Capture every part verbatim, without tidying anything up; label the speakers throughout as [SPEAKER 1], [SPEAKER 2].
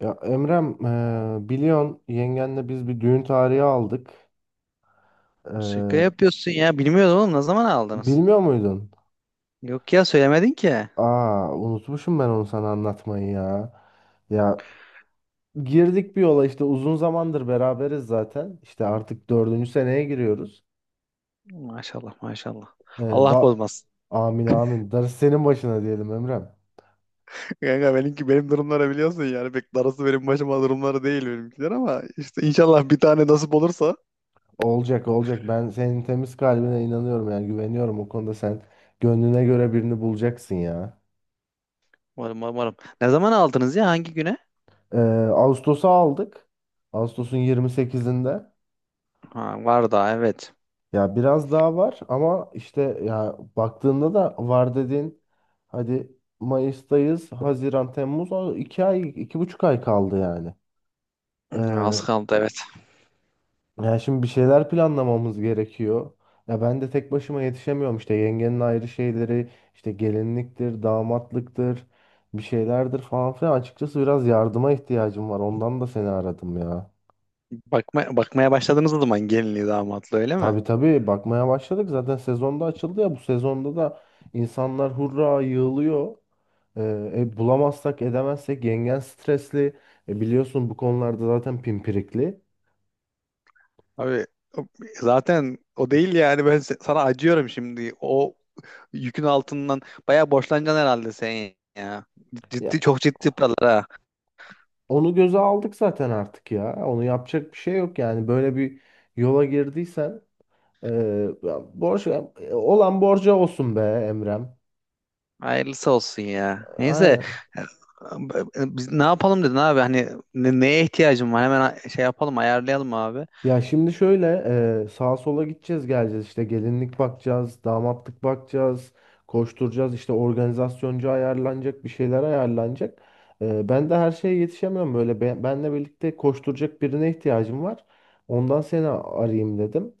[SPEAKER 1] Ya Emrem, eee biliyorsun yengenle biz bir düğün tarihi aldık.
[SPEAKER 2] Şaka
[SPEAKER 1] Eee,
[SPEAKER 2] yapıyorsun ya. Bilmiyordum oğlum. Ne zaman aldınız?
[SPEAKER 1] bilmiyor muydun?
[SPEAKER 2] Yok ya, söylemedin ki.
[SPEAKER 1] Aa, unutmuşum ben onu sana anlatmayı ya. Ya girdik bir yola işte uzun zamandır beraberiz zaten. İşte artık dördüncü seneye giriyoruz.
[SPEAKER 2] Maşallah, maşallah.
[SPEAKER 1] Eee,
[SPEAKER 2] Allah
[SPEAKER 1] ba-
[SPEAKER 2] bozmasın.
[SPEAKER 1] Amin amin. Darısı senin başına diyelim Emrem.
[SPEAKER 2] Kanka, benimki benim durumları biliyorsun, yani pek darısı benim başıma durumları değil benimkiler, ama işte inşallah bir tane nasip olursa.
[SPEAKER 1] Olacak olacak. Ben senin temiz kalbine inanıyorum yani güveniyorum o konuda sen gönlüne göre birini bulacaksın ya.
[SPEAKER 2] Umarım, umarım. Ne zaman aldınız ya? Hangi güne?
[SPEAKER 1] Eee Ağustos'a aldık. Ağustos'un yirmi sekizinde.
[SPEAKER 2] Ha, var daha, evet.
[SPEAKER 1] Ya biraz daha var ama işte ya baktığında da var dediğin hadi Mayıs'tayız, Haziran, Temmuz o iki ay, iki buçuk ay kaldı yani.
[SPEAKER 2] Az
[SPEAKER 1] Ee,
[SPEAKER 2] kaldı, evet.
[SPEAKER 1] ya şimdi bir şeyler planlamamız gerekiyor. Ya ben de tek başıma yetişemiyorum işte yengenin ayrı şeyleri işte gelinliktir, damatlıktır, bir şeylerdir falan filan. Açıkçası biraz yardıma ihtiyacım var. Ondan da seni aradım ya.
[SPEAKER 2] Bakma, bakmaya başladığınız zaman gelinliği damatlı öyle mi?
[SPEAKER 1] Tabii tabii bakmaya başladık. Zaten sezonda açıldı ya bu sezonda da insanlar hurra yığılıyor. Ee, e, bulamazsak edemezsek yengen stresli. E, biliyorsun bu konularda zaten pimpirikli.
[SPEAKER 2] Abi, o- zaten o değil yani, ben se- sana acıyorum şimdi. O yükün altından bayağı borçlanacaksın herhalde sen ya.
[SPEAKER 1] Ya
[SPEAKER 2] Ciddi, çok ciddi paralar ha.
[SPEAKER 1] onu göze aldık zaten artık ya. Onu yapacak bir şey yok yani. Böyle bir yola girdiysen e, ya borç e, olan borca olsun be Emrem.
[SPEAKER 2] Hayırlısı olsun ya. Neyse,
[SPEAKER 1] Aynen.
[SPEAKER 2] e, biz ne yapalım dedin abi, hani ne- neye ihtiyacın var hemen, a- şey yapalım, ayarlayalım abi.
[SPEAKER 1] Ya şimdi şöyle e, sağa sola gideceğiz geleceğiz işte gelinlik bakacağız, damatlık bakacağız, koşturacağız işte organizasyoncu ayarlanacak bir şeyler ayarlanacak. E, ben de her şeye yetişemiyorum böyle ben, benle birlikte koşturacak birine ihtiyacım var. Ondan seni arayayım dedim.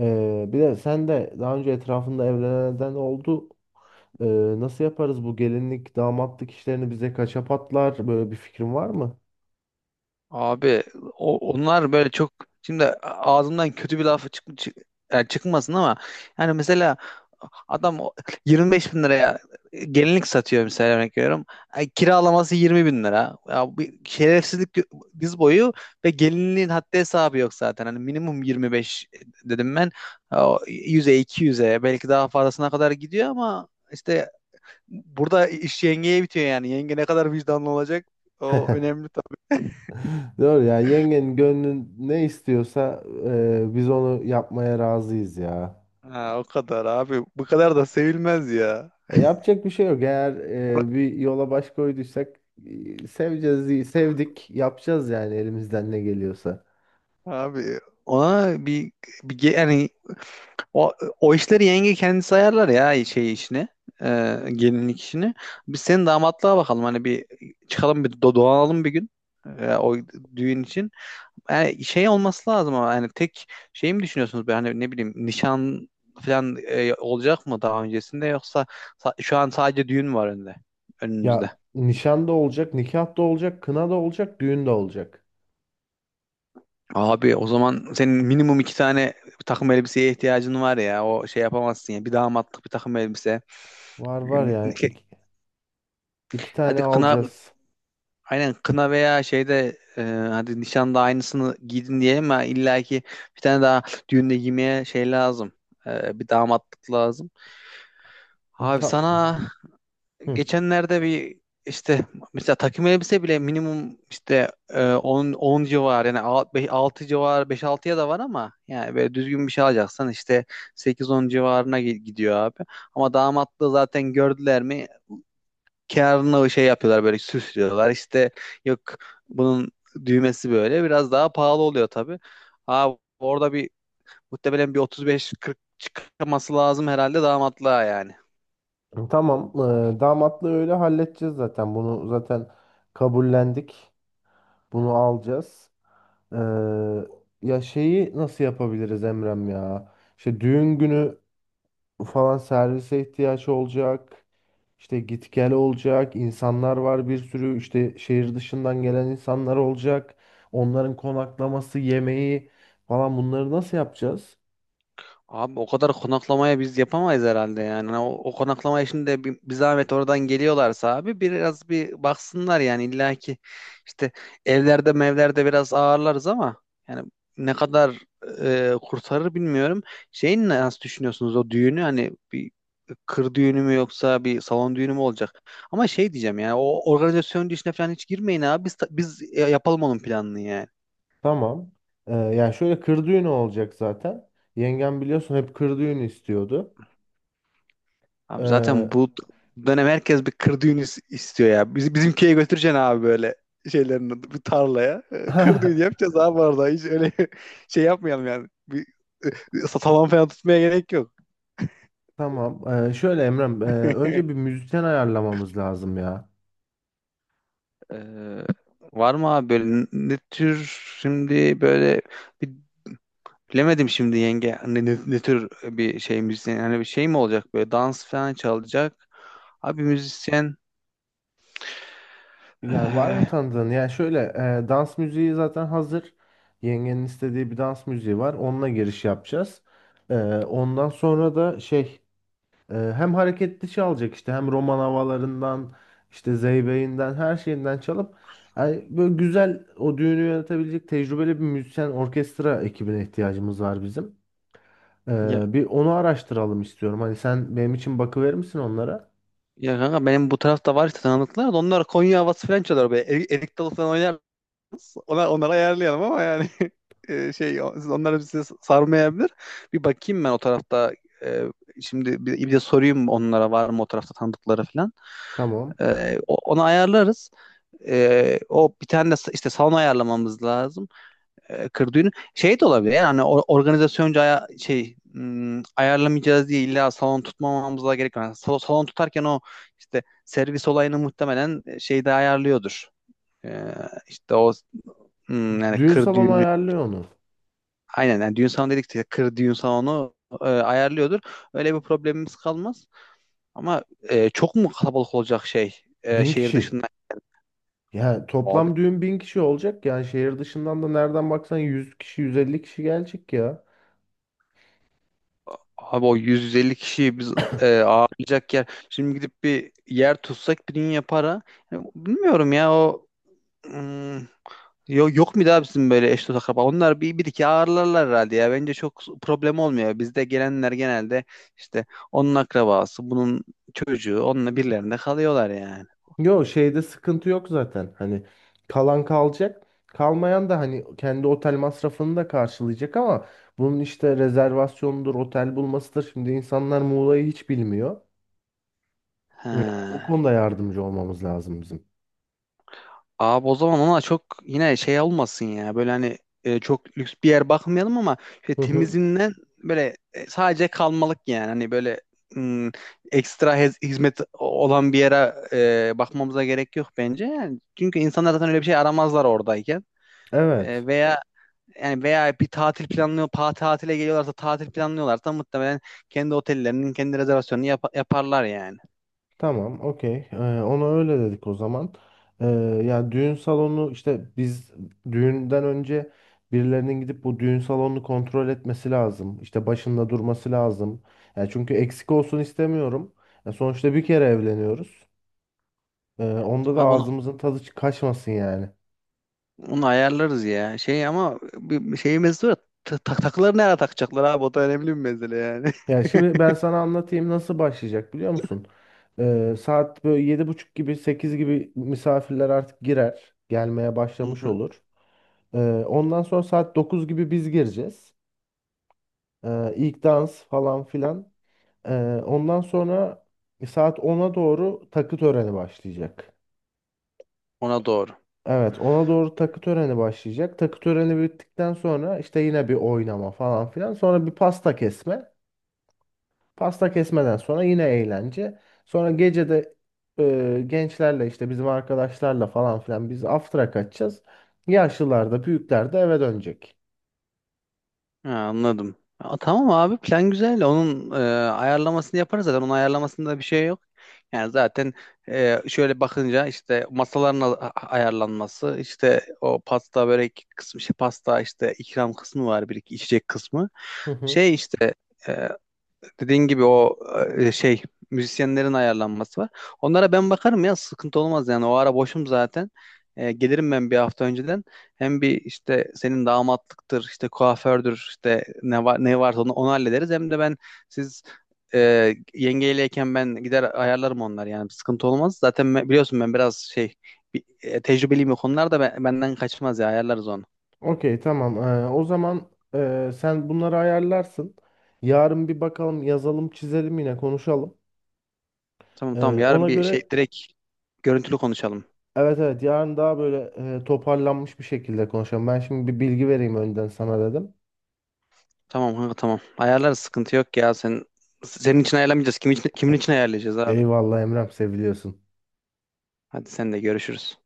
[SPEAKER 1] E, bir de sen de daha önce etrafında evlenenden oldu. E, nasıl yaparız bu gelinlik damatlık işlerini bize kaça patlar böyle bir fikrin var mı?
[SPEAKER 2] Abi, o- onlar böyle çok, şimdi ağzımdan kötü bir laf çık, çık- yani çıkmasın ama, yani mesela adam o yirmi beş bin liraya gelinlik satıyor, mesela örnek veriyorum. Ay, kiralaması yirmi bin lira. Ya, bir şerefsizlik diz boyu, ve gelinliğin haddi hesabı yok zaten. Hani minimum yirmi beş dedim ben. Ya, O yüze iki yüze belki daha fazlasına kadar gidiyor, ama işte burada iş yengeye bitiyor yani. Yenge ne kadar vicdanlı olacak, o önemli.
[SPEAKER 1] Doğru ya yengenin gönlün ne istiyorsa e, biz onu yapmaya razıyız ya.
[SPEAKER 2] Ha, o kadar abi. Bu kadar da sevilmez ya.
[SPEAKER 1] E, yapacak bir şey yok. Eğer e, bir yola baş koyduysak e, seveceğiz, diye- sevdik, yapacağız yani elimizden ne geliyorsa.
[SPEAKER 2] Abi, ona bir, bir ge- yani, o, o işleri yenge kendisi ayarlar ya, şey işini, e, gelinlik işini. Biz senin damatlığa bakalım. Hani bir çıkalım, bir do- dolanalım bir gün, e, o düğün için. Yani şey olması lazım, ama hani tek şey mi düşünüyorsunuz? Böyle, hani ne bileyim, nişan falan e, olacak mı daha öncesinde, yoksa sa- şu an sadece düğün mü var önünde? Önünüzde.
[SPEAKER 1] Ya nişan da olacak, nikah da olacak, kına da olacak, düğün de olacak.
[SPEAKER 2] Abi, o zaman senin minimum iki tane takım elbiseye ihtiyacın var ya. O şey yapamazsın ya. Bir damatlık, bir takım elbise.
[SPEAKER 1] Var var ya iki, iki tane
[SPEAKER 2] Hadi kına,
[SPEAKER 1] alacağız.
[SPEAKER 2] aynen, kına veya şeyde, e, hadi nişanda aynısını giydin diyelim, ama illaki bir tane daha düğünde giymeye şey lazım. E, bir damatlık lazım. Abi,
[SPEAKER 1] Tamam.
[SPEAKER 2] sana
[SPEAKER 1] Hı.
[SPEAKER 2] geçenlerde bir işte, mesela takım elbise bile minimum işte, e, on on civar yani, altı civar, beş altıya da var, ama yani böyle düzgün bir şey alacaksan işte sekiz on civarına gi- gidiyor abi. Ama damatlığı zaten gördüler mi, kârını şey yapıyorlar, böyle süslüyorlar işte, yok bunun düğmesi böyle biraz daha pahalı oluyor tabii. Abi, orada bir muhtemelen bir otuz beş kırk çıkması lazım herhalde damatlığa yani.
[SPEAKER 1] Tamam. Ee, damatlığı öyle halledeceğiz zaten. Bunu zaten kabullendik. Bunu alacağız. Ee, ya şeyi nasıl yapabiliriz Emrem ya? İşte düğün günü falan servise ihtiyaç olacak. İşte git gel olacak. İnsanlar var bir sürü. İşte şehir dışından gelen insanlar olacak. Onların konaklaması, yemeği falan bunları nasıl yapacağız?
[SPEAKER 2] Abi, o kadar konaklamaya biz yapamayız herhalde yani. Hani O, o konaklama işinde, bir, bir zahmet oradan geliyorlarsa abi biraz bir baksınlar, yani illa ki işte evlerde mevlerde biraz ağırlarız ama, yani ne kadar e, kurtarır bilmiyorum. Şeyin nasıl düşünüyorsunuz o düğünü, hani bir kır düğünü mü yoksa bir salon düğünü mü olacak? Ama şey diyeceğim, yani o organizasyon işine falan hiç girmeyin abi, biz, biz e, yapalım onun planını yani.
[SPEAKER 1] Tamam. Ee, yani şöyle kır düğünü olacak zaten. Yengem biliyorsun hep kır düğünü istiyordu.
[SPEAKER 2] Abi,
[SPEAKER 1] Ee,
[SPEAKER 2] zaten bu dönem herkes bir kır düğünü is- istiyor ya. Biz, bizim köye götüreceksin abi, böyle şeylerin adı, bir tarlaya. Ee, Kır düğünü yapacağız abi orada. Hiç öyle şey yapmayalım yani. Bir, e, salon falan tutmaya gerek yok.
[SPEAKER 1] tamam. Ee, şöyle Emrem, e, önce bir müzisyen ayarlamamız lazım ya.
[SPEAKER 2] Ee, Var mı abi böyle, n- ne tür, şimdi böyle bir- bilemedim şimdi, yenge ne, ne, ne tür bir şey müzisyen, yani bir şey mi olacak böyle dans falan çalacak abi müzisyen.
[SPEAKER 1] Yani var mı
[SPEAKER 2] ee,
[SPEAKER 1] tanıdığın? Yani şöyle e, dans müziği zaten hazır. Yengenin istediği bir dans müziği var. Onunla giriş yapacağız. Ee, ondan sonra da şey. Ee, hem hareket dışı alacak işte hem roman havalarından işte zeybeğinden her şeyinden çalıp yani böyle güzel o düğünü yönetebilecek tecrübeli bir müzisyen orkestra ekibine ihtiyacımız var bizim.
[SPEAKER 2] ya,
[SPEAKER 1] Ee, bir onu araştıralım istiyorum. Hani sen benim için bakıverir misin onlara?
[SPEAKER 2] Ya kanka, benim bu tarafta var işte tanıdıklar, da onlar Konya havası falan çalıyor böyle. Erik, erik dalı falan oynarız. Onlar, onları ayarlayalım ama, yani e, şey o- siz- onlar bizi sarmayabilir. Bir bakayım ben o tarafta, e, şimdi, bir, bir de sorayım onlara, var mı o tarafta tanıdıkları falan.
[SPEAKER 1] Tamam.
[SPEAKER 2] E, o- onu ayarlarız. E, o, bir tane de sa- işte salon ayarlamamız lazım, e, kırdığını şey de olabilir yani, hani or- organizasyonca aya- şey hmm, ayarlamayacağız diye illa salon tutmamamıza gerek yok. Yani sal- salon tutarken, o işte servis olayını muhtemelen e, şeyde ayarlıyordur. Ee, işte o, hmm, yani
[SPEAKER 1] Düğün
[SPEAKER 2] kır
[SPEAKER 1] salonu
[SPEAKER 2] düğünü,
[SPEAKER 1] ayarlıyor onu.
[SPEAKER 2] aynen, yani düğün salonu dedik işte, kır düğün salonu e, ayarlıyordur. Öyle bir problemimiz kalmaz. Ama e, çok mu kalabalık olacak, şey, e,
[SPEAKER 1] Bin
[SPEAKER 2] şehir
[SPEAKER 1] kişi.
[SPEAKER 2] dışından?
[SPEAKER 1] Yani toplam düğün bin kişi olacak. Yani şehir dışından da nereden baksan yüz kişi yüz elli kişi gelecek ya.
[SPEAKER 2] Abi, o yüz elli kişiyi biz e, ağırlayacak yer. Şimdi gidip bir yer tutsak bir dünya para. Yani bilmiyorum ya o, hmm, Yok, yok mu daha bizim böyle eş dost akraba? Onlar bir, bir iki ağırlarlar herhalde ya. Bence çok problem olmuyor. Bizde gelenler genelde işte onun akrabası, bunun çocuğu, onunla birilerinde kalıyorlar yani.
[SPEAKER 1] Yo şeyde sıkıntı yok zaten. Hani kalan kalacak. Kalmayan da hani kendi otel masrafını da karşılayacak ama bunun işte rezervasyonudur, otel bulmasıdır. Şimdi insanlar Muğla'yı hiç bilmiyor. Ee,
[SPEAKER 2] He.
[SPEAKER 1] O konuda yardımcı olmamız lazım bizim.
[SPEAKER 2] Abi, o zaman ona çok yine şey olmasın ya. Böyle hani, e, çok lüks bir yer bakmayalım, ama işte
[SPEAKER 1] Hı hı.
[SPEAKER 2] temizinden böyle, e, sadece kalmalık yani. Hani böyle, hmm, ekstra hez- hizmet olan bir yere e, bakmamıza gerek yok bence. Yani çünkü insanlar zaten öyle bir şey aramazlar oradayken. E,
[SPEAKER 1] Evet.
[SPEAKER 2] veya, yani veya bir tatil planlıyor, pa tatile geliyorlarsa, tatil planlıyorlarsa muhtemelen kendi otellerinin kendi rezervasyonunu yap- yaparlar yani.
[SPEAKER 1] Tamam, okey. Ee, ona öyle dedik o zaman. Ee, ya düğün salonu işte biz düğünden önce birilerinin gidip bu düğün salonunu kontrol etmesi lazım. İşte başında durması lazım. Ya çünkü eksik olsun istemiyorum. Ya sonuçta bir kere evleniyoruz. Ee, onda da
[SPEAKER 2] Abi,
[SPEAKER 1] ağzımızın tadı çı- kaçmasın yani.
[SPEAKER 2] Onu ayarlarız ya. Şey, ama bir bir şey mesele var. Ta- tak- takıları nereye takacaklar abi? O da önemli bir mesele yani.
[SPEAKER 1] Ya şimdi ben sana anlatayım nasıl başlayacak biliyor musun? Ee, saat böyle yedi buçuk gibi sekiz gibi misafirler artık girer. Gelmeye başlamış
[SPEAKER 2] Hı hı.
[SPEAKER 1] olur. Ee, ondan sonra saat dokuz gibi biz gireceğiz. Ee, ilk dans falan filan. Ee, ondan sonra saat ona doğru takı töreni başlayacak.
[SPEAKER 2] Ona doğru.
[SPEAKER 1] Evet, ona doğru takı töreni başlayacak. Takı töreni bittikten sonra işte yine bir oynama falan filan. Sonra bir pasta kesme. Pasta kesmeden sonra yine eğlence. Sonra gece de e, gençlerle işte bizim arkadaşlarla falan filan biz after'a kaçacağız. Yaşlılar da büyükler de eve dönecek.
[SPEAKER 2] Ha, anladım. Aa, tamam abi, plan güzel. Onun e, ayarlamasını yaparız zaten. Onun ayarlamasında bir şey yok. Yani zaten e, şöyle bakınca, işte masaların a- a- ayarlanması, işte o pasta börek kısmı, şey, pasta işte ikram kısmı var, bir iki içecek kısmı.
[SPEAKER 1] Hı hı.
[SPEAKER 2] Şey işte, e, Dediğin gibi o, e, şey müzisyenlerin ayarlanması var. Onlara ben bakarım ya, sıkıntı olmaz yani, o ara boşum zaten. E, gelirim ben bir hafta önceden. Hem bir işte senin damatlıktır, işte kuafördür, işte ne var ne varsa onu, onu hallederiz. Hem de ben, siz e, yengeyleyken ben gider ayarlarım onlar yani, bir sıkıntı olmaz. Zaten ben- biliyorsun, ben biraz şey, bir, e, tecrübeliyim o konularda, ben- benden kaçmaz ya, ayarlarız onu.
[SPEAKER 1] Okey tamam. Ee, o zaman e, sen bunları ayarlarsın. Yarın bir bakalım yazalım çizelim yine konuşalım.
[SPEAKER 2] Tamam, tamam,
[SPEAKER 1] Ee,
[SPEAKER 2] yarın
[SPEAKER 1] ona
[SPEAKER 2] bir şey
[SPEAKER 1] göre
[SPEAKER 2] direkt görüntülü konuşalım.
[SPEAKER 1] evet evet, yarın daha böyle e, toparlanmış bir şekilde konuşalım. Ben şimdi bir bilgi vereyim önden sana dedim.
[SPEAKER 2] Tamam kanka, tamam. Ayarlarız, sıkıntı yok ya. Sen, senin için ayarlamayacağız. Kim için, kimin için ayarlayacağız abi?
[SPEAKER 1] Eyvallah Emrem seviliyorsun.
[SPEAKER 2] Hadi, sen de görüşürüz.